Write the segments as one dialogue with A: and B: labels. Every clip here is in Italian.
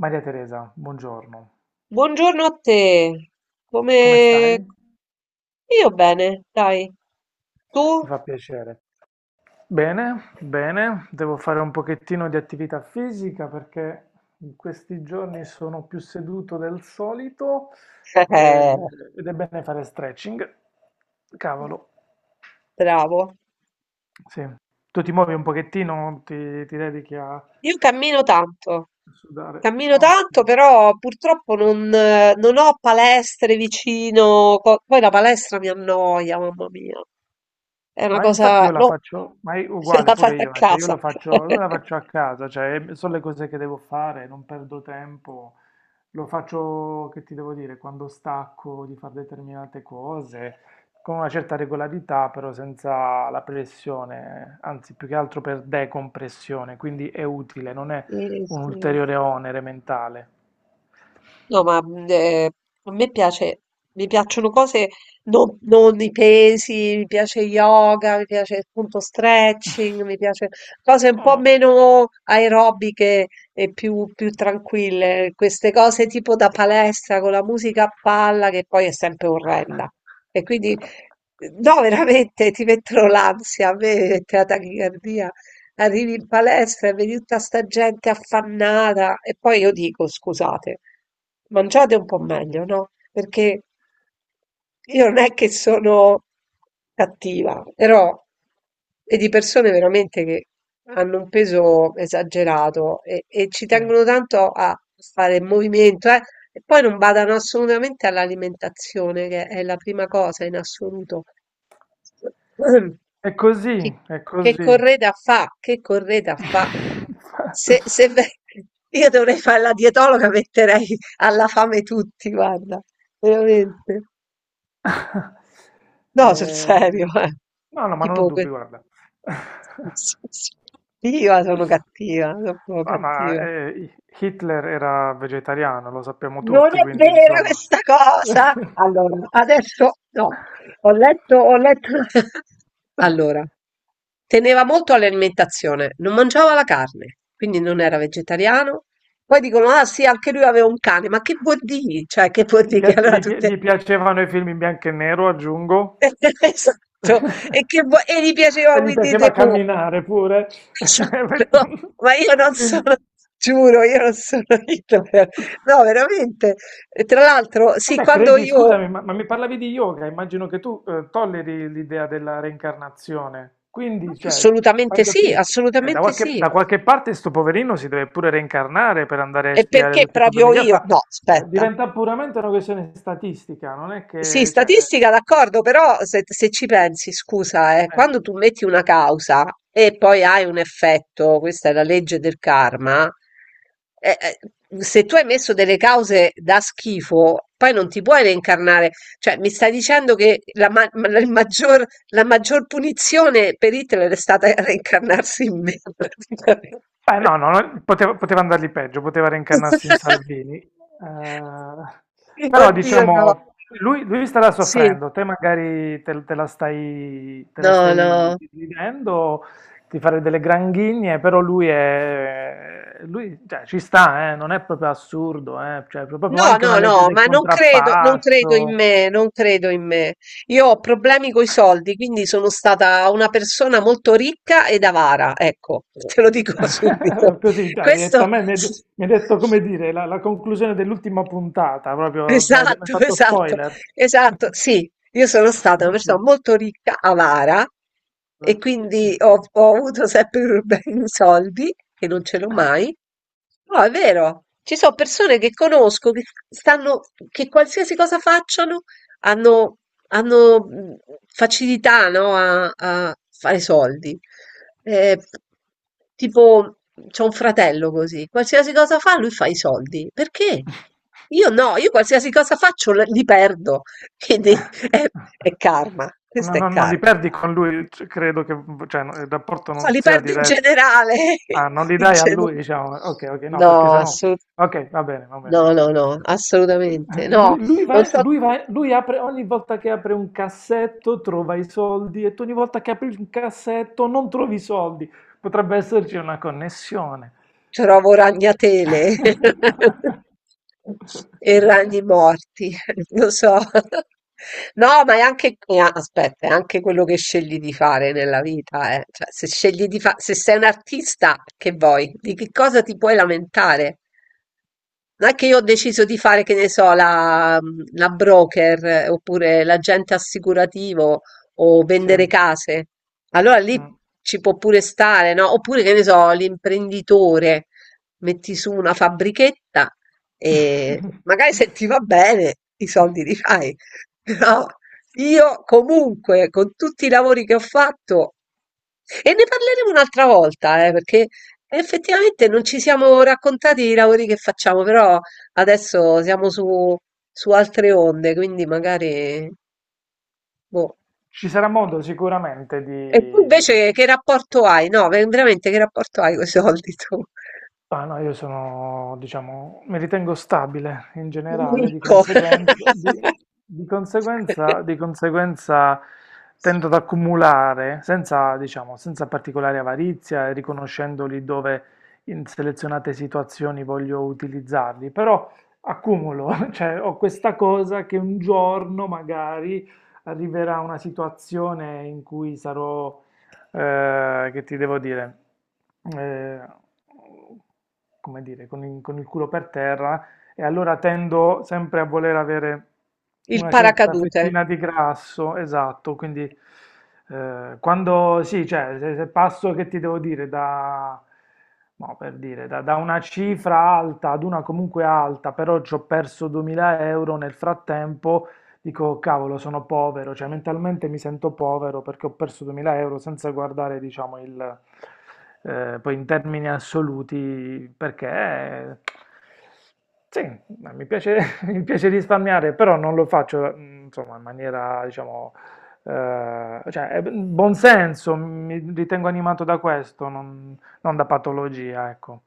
A: Maria Teresa, buongiorno.
B: Buongiorno a te.
A: Come stai?
B: Come
A: Mi
B: io bene, dai. Tu?
A: fa piacere. Bene, bene, devo fare un pochettino di attività fisica perché in questi giorni sono più seduto del solito, eh,
B: Eh,
A: ed è bene fare stretching. Cavolo,
B: bravo.
A: sì. Tu ti muovi un pochettino, ti dedichi a
B: Io cammino tanto.
A: sudare.
B: Cammino
A: No.
B: tanto, però purtroppo non ho palestre vicino. Poi la palestra mi annoia, mamma mia. È una
A: Ma infatti
B: cosa,
A: io la
B: no,
A: faccio, ma è
B: se
A: uguale
B: la fai
A: pure
B: a
A: io, cioè io
B: casa.
A: la faccio, non la faccio a casa, cioè sono le cose che devo fare, non perdo tempo, lo faccio, che ti devo dire, quando stacco di fare determinate cose, con una certa regolarità, però senza la pressione, anzi più che altro per decompressione, quindi è utile, non è
B: Sì,
A: un
B: sì.
A: ulteriore onere mentale.
B: No, ma a me piace, mi piacciono cose, non i pesi, mi piace yoga, mi piace appunto stretching, mi piace cose un po'
A: Mm.
B: meno aerobiche e più, più tranquille. Queste cose tipo da palestra con la musica a palla che poi è sempre orrenda. E quindi, no, veramente ti mettono l'ansia, a me mette la tachicardia. Arrivi in palestra e vedi tutta sta gente affannata e poi io dico, scusate, mangiate un po' meglio, no? Perché io non è che sono cattiva, però e di persone veramente che hanno un peso esagerato e ci
A: Sì.
B: tengono tanto a fare movimento, eh? E poi non badano assolutamente all'alimentazione, che è la prima cosa in assoluto.
A: È
B: Chi-
A: così, è
B: Che,
A: così.
B: correda fa? Che correda fa? Se, se ve- io dovrei fare la dietologa, metterei alla fame tutti, guarda, veramente. No, sul
A: Ehm,
B: serio, eh.
A: no, no, ma non ho
B: Tipo, que-
A: dubbi, guarda.
B: io sono cattiva, sono proprio
A: Ah,
B: cattiva.
A: Hitler era vegetariano, lo sappiamo
B: Non
A: tutti,
B: è
A: quindi
B: vera
A: insomma.
B: questa cosa! Allora, adesso no, ho letto. Allora, teneva molto all'alimentazione, non mangiava la carne, quindi non era vegetariano. Poi dicono, ah sì, anche lui aveva un cane, ma che vuol dire? Cioè, che vuol dire che allora tutte
A: Gli piacevano i film in bianco e nero, aggiungo.
B: esatto, e che vo e gli piaceva
A: E gli
B: Winnie the
A: piaceva
B: Pooh.
A: camminare pure.
B: Esatto, ma io non sono
A: Quindi,
B: giuro, io non sono idolatra. No, veramente. E tra l'altro, sì,
A: vabbè,
B: quando
A: credi,
B: io
A: scusami, ma mi parlavi di yoga, immagino che tu, tolleri l'idea della reincarnazione. Quindi, cioè, fai
B: assolutamente
A: da
B: sì,
A: più-
B: assolutamente sì.
A: da qualche parte sto poverino si deve pure reincarnare per andare a
B: E
A: spiare
B: perché
A: tutti i problemi
B: proprio
A: che
B: io
A: fa.
B: no,
A: Cioè,
B: aspetta.
A: diventa puramente una questione statistica, non è
B: Sì,
A: che, cioè,
B: statistica d'accordo, però se ci pensi, scusa,
A: eh.
B: quando tu metti una causa e poi hai un effetto, questa è la legge del karma, eh, eh, se tu hai messo delle cause da schifo, poi non ti puoi reincarnare. Cioè, mi stai dicendo che la, ma- la- il maggior, la maggior punizione per Hitler è stata reincarnarsi in me, praticamente.
A: Beh, no, no, no, poteva, poteva andargli peggio, poteva reincarnarsi in Salvini. Però
B: Oddio, no.
A: diciamo, lui starà
B: Sì,
A: soffrendo, te magari te la
B: no,
A: stai
B: no.
A: vivendo, ti farei delle granghigne, però lui è, lui, cioè, ci sta, non è proprio assurdo, cioè, è proprio
B: No,
A: anche una
B: no,
A: legge
B: no,
A: del
B: ma non credo, non credo in
A: contrappasso.
B: me, non credo in me. Io ho problemi coi soldi, quindi sono stata una persona molto ricca ed avara, ecco, te lo dico subito.
A: Così, dai,
B: Questo
A: diretta a me mi hai detto come dire la conclusione dell'ultima puntata, proprio mi hai
B: esatto,
A: fatto
B: esatto,
A: spoiler.
B: esatto. Sì, io sono stata una
A: Ok,
B: persona molto ricca, avara, e
A: ok,
B: quindi
A: ok.
B: ho avuto sempre problemi di soldi, che non ce l'ho mai. No, è vero, ci sono persone che conosco, che stanno, che qualsiasi cosa facciano, hanno hanno facilità, no, a fare soldi. Eh, tipo, c'ho un fratello così, qualsiasi cosa fa, lui fa i soldi. Perché? Io no, io qualsiasi cosa faccio li perdo.
A: Beh,
B: Quindi è karma,
A: no
B: questo è
A: no non li
B: karma.
A: perdi con lui, c credo che v cioè, no, il rapporto
B: Ma
A: non
B: li
A: sia
B: perdo in
A: dire,
B: generale.
A: ah, non li
B: in
A: dai a lui
B: gener-
A: diciamo, okay, okay, no,
B: no,
A: perché se no okay, va bene,
B: no,
A: no.
B: no, no, assolutamente. No,
A: Lui lui va
B: non so.
A: lui va lui apre, ogni volta che apre un cassetto trova i soldi, e tu ogni volta che apri un cassetto non trovi i soldi. Potrebbe esserci una connessione.
B: Trovo ragnatele e
A: Okay.
B: ragni morti, lo so. No, ma è anche, aspetta, è anche quello che scegli di fare nella vita, eh. Cioè, se scegli di fa- se sei un artista, che vuoi? Di che cosa ti puoi lamentare? Non è che io ho deciso di fare, che ne so, la broker oppure l'agente assicurativo o
A: Sì,
B: vendere case. Allora lì
A: mh.
B: ci può pure stare, no? Oppure, che ne so, l'imprenditore, metti su una fabbrichetta e magari se ti va bene i soldi li fai. Però io comunque, con tutti i lavori che ho fatto, e ne parleremo un'altra volta, perché effettivamente non ci siamo raccontati i lavori che facciamo, però adesso siamo su, su altre onde, quindi magari... boh.
A: Ci sarà modo sicuramente
B: E tu invece che rapporto hai? No, veramente che rapporto hai con i soldi tu?
A: Ah, no, io sono, diciamo, mi ritengo stabile in generale,
B: Ricco.
A: di conseguenza tendo ad accumulare senza, diciamo, senza particolare avarizia e riconoscendoli dove in selezionate situazioni voglio utilizzarli, però accumulo, cioè ho questa cosa che un giorno magari arriverà una situazione in cui sarò, che ti devo dire, eh, come dire, con con il culo per terra, e allora tendo sempre a voler avere
B: Il
A: una certa
B: paracadute.
A: fettina di grasso, esatto, quindi, quando, sì, cioè, se passo, che ti devo dire, da, no, per dire, da, da una cifra alta ad una comunque alta, però ci ho perso 2000 euro nel frattempo. Dico, cavolo, sono povero, cioè mentalmente mi sento povero perché ho perso 2000 euro senza guardare, diciamo, il, poi in termini assoluti, perché, sì, ma mi piace, mi piace risparmiare, però non lo faccio, mm, insomma, in maniera, diciamo, cioè, è buon senso, mi ritengo animato da questo, non, non da patologia, ecco.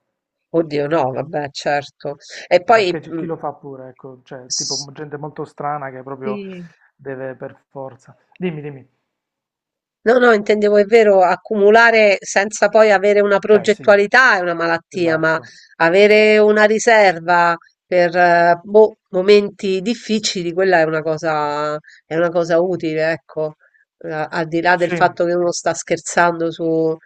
B: Oddio, no, vabbè, certo. E
A: Ma perché
B: poi...
A: c'è
B: mm,
A: chi lo fa pure, ecco, cioè, tipo gente molto strana che proprio
B: sì.
A: deve per forza. Dimmi, dimmi.
B: No, no, intendevo, è vero, accumulare senza poi avere una
A: Cioè sì,
B: progettualità è una malattia, ma
A: esatto.
B: avere una riserva per boh, momenti difficili, quella è una cosa utile, ecco. Al di là del
A: Sì,
B: fatto che uno sta scherzando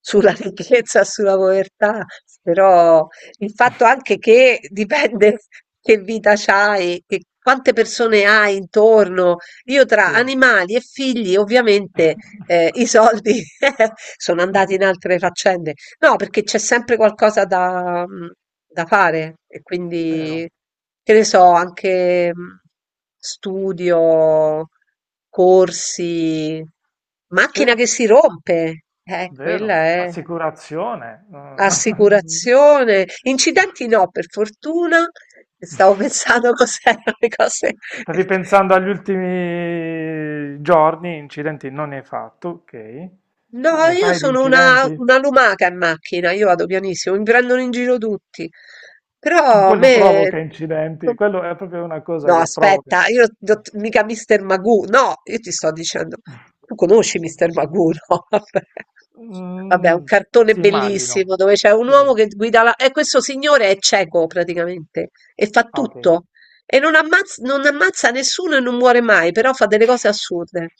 B: sulla ricchezza, sulla povertà, però il fatto anche che dipende che vita c'hai, che quante persone hai intorno. Io tra
A: sì.
B: animali e figli, ovviamente. I soldi sono andati in altre faccende. No, perché c'è sempre qualcosa da mhmm, da fare e quindi,
A: Vero.
B: che ne so, anche, mhmm, studio, corsi,
A: Sì,
B: macchina che si rompe, quella
A: vero.
B: è
A: Assicurazione. Mm.
B: assicurazione, incidenti no per fortuna, stavo pensando cos'erano le cose.
A: Stavi pensando agli ultimi giorni, incidenti non ne hai fatto, ok.
B: No,
A: Ma ne
B: io
A: fai di
B: sono
A: incidenti?
B: una lumaca in macchina, io vado pianissimo, mi prendono in giro tutti. Però a
A: Quello
B: me
A: provoca incidenti, quello è proprio una cosa
B: no,
A: che provoca.
B: aspetta, io non- mica Mr. Magoo, no, io ti sto dicendo, tu conosci Mr. Magoo, no? Vabbè. Vabbè, è un
A: Mm,
B: cartone
A: sì, immagino.
B: bellissimo dove c'è un
A: Sì, sì.
B: uomo che guida la... E questo signore è cieco praticamente e fa
A: Ah, ok.
B: tutto e non ammazza, non ammazza nessuno e non muore mai, però fa delle cose assurde.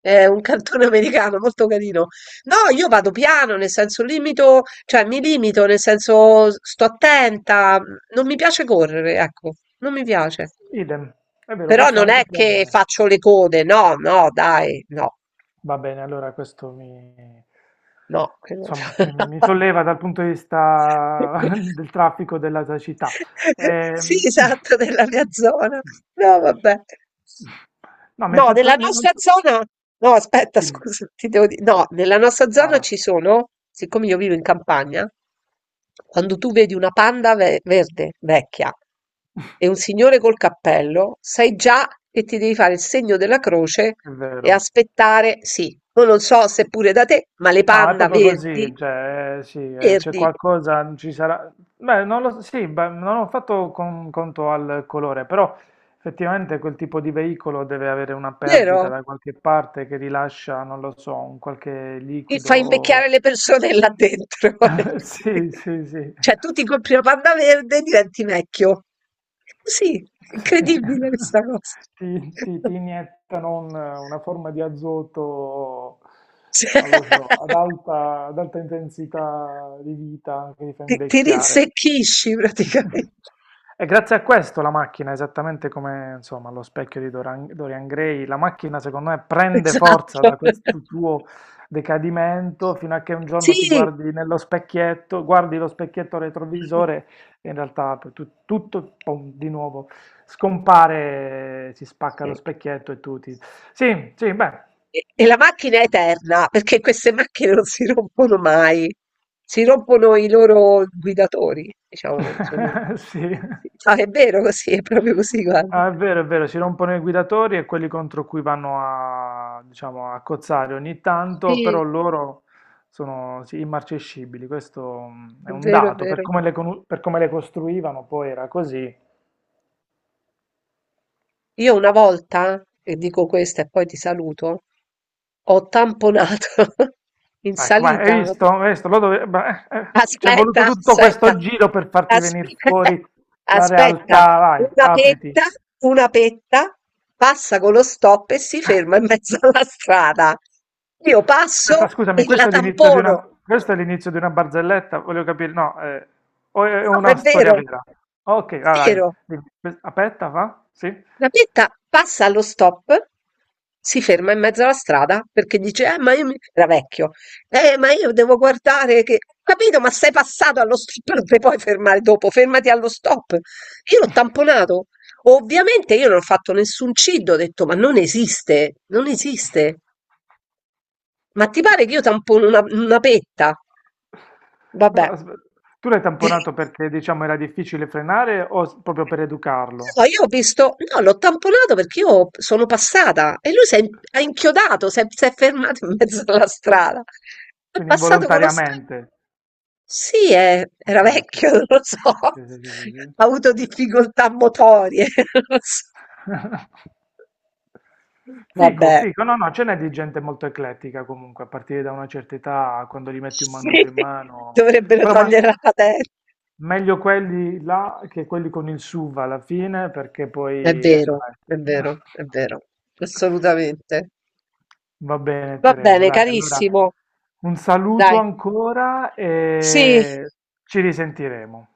B: È un cartone americano molto carino. No, io vado piano, nel senso limito, cioè mi limito, nel senso sto attenta, non mi piace correre, ecco, non mi piace.
A: Idem, è vero,
B: Però
A: questo
B: non
A: anche
B: è
A: per
B: che
A: me.
B: faccio le code, no, no dai, no,
A: Va bene, allora questo mi,
B: no. che non-
A: insomma, mi solleva dal punto di vista del traffico, della cecità.
B: sì,
A: Ehm,
B: esatto, della mia zona. No, vabbè.
A: No, mi hai
B: No, nella
A: fatto... non
B: nostra
A: so-
B: zona no aspetta
A: Dimmi,
B: scusa, ti devo di no, nella nostra zona ci
A: Sara.
B: sono, siccome io vivo in campagna, quando tu vedi una verde, vecchia, e un signore col cappello, sai già che ti devi fare il segno della croce
A: È
B: e
A: vero.
B: aspettare, sì, io non so se pure da te, ma le
A: No, è
B: panda
A: proprio
B: verdi,
A: così, cioè, sì, c'è
B: verdi,
A: qualcosa, ci sarà... Beh, non lo so, sì, beh, non ho fatto conto al colore, però effettivamente quel tipo di veicolo deve avere una perdita
B: vero?
A: da qualche parte che rilascia, non lo so, un qualche
B: Ti
A: liquido.
B: fa
A: o-
B: invecchiare le persone là dentro.
A: Sì, sì, sì.
B: Cioè tu ti compri la Panda verde e diventi vecchio. Sì,
A: Sì.
B: incredibile questa cosa.
A: Ti iniettano un una forma di azoto,
B: Cioè,
A: non lo so, ad alta intensità di vita che ti fa
B: ti
A: invecchiare.
B: rinsecchisci praticamente.
A: E grazie a questo la macchina, esattamente come insomma, lo specchio di Dorian Gray, la macchina secondo me prende
B: Esatto.
A: forza da questo tuo decadimento fino a che un giorno ti
B: Sì.
A: guardi nello specchietto, guardi lo specchietto retrovisore, e in realtà per tutto pom, di nuovo scompare, si spacca
B: Sì.
A: lo specchietto e tu ti... Sì, sì, beh,
B: E la macchina è eterna, perché queste macchine non si rompono mai. Si rompono i loro guidatori, diciamo, sono
A: sì.
B: sì. Ah, è vero così, è proprio così, guarda.
A: Ah, è vero, si rompono i guidatori e quelli contro cui vanno a, diciamo, a cozzare ogni tanto, però
B: Sì,
A: loro sono, sì, immarcescibili, questo, mm, è
B: è
A: un
B: vero, è
A: dato, per
B: vero.
A: come per come le costruivano poi era così.
B: Io una volta, e dico questa e poi ti saluto, ho tamponato in
A: Ecco, vai, hai
B: salita.
A: visto? Hai visto? Beh, ci è
B: Aspetta,
A: voluto tutto
B: aspetta,
A: questo giro per farti venire
B: aspetta,
A: fuori la
B: aspetta.
A: realtà, vai,
B: Una
A: apriti.
B: petta, una petta passa con lo stop e si ferma in mezzo alla strada. Io
A: Aspetta,
B: passo
A: scusami,
B: e la tampono.
A: questo è l'inizio di una barzelletta, voglio capire, no, o è
B: No, è
A: una storia
B: vero, è
A: vera? Ok, vai, vai.
B: vero.
A: Dimmi. Que- Aspetta, va? Sì?
B: La Bietta passa allo stop, si ferma in mezzo alla strada perché dice: ma io mi... era vecchio, ma io devo guardare che. Ho capito, ma sei passato allo stop, non ti puoi fermare dopo, fermati allo stop. Io l'ho tamponato. Ovviamente io non ho fatto nessun cid, ho detto: Ma non esiste, non esiste. Ma ti pare che io tampono una petta? Vabbè.
A: Ah, Aspe- Tu l'hai tamponato perché, diciamo, era difficile frenare o s- proprio per educarlo?
B: So, io ho visto no, l'ho tamponato perché io sono passata e lui ha inchiodato, s'è fermato in mezzo alla
A: Qui-
B: strada. È
A: Quindi
B: passato con lo specchio.
A: involontariamente.
B: Sì, è- era
A: Ok, ok.
B: vecchio, non lo so.
A: Sì, sì, sì, sì, sì.
B: Ha avuto difficoltà motorie, non lo so.
A: Fico,
B: Vabbè,
A: fico, no, no, ce n'è di gente molto eclettica comunque, a partire da una certa età, quando gli metti un
B: sì,
A: manubrio in mano,
B: dovrebbero
A: però
B: togliere la patente.
A: meglio quelli là che quelli con il SUV alla fine, perché
B: È
A: poi, ecco,
B: vero,
A: dai.
B: è vero, è vero, assolutamente.
A: Va bene,
B: Va
A: Teresa,
B: bene,
A: dai, allora
B: carissimo,
A: un saluto
B: dai.
A: ancora
B: Sì,
A: e ci risentiremo.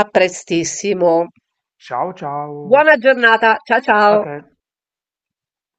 B: a prestissimo.
A: Ciao, ciao,
B: Buona giornata, ciao
A: a
B: ciao!
A: te.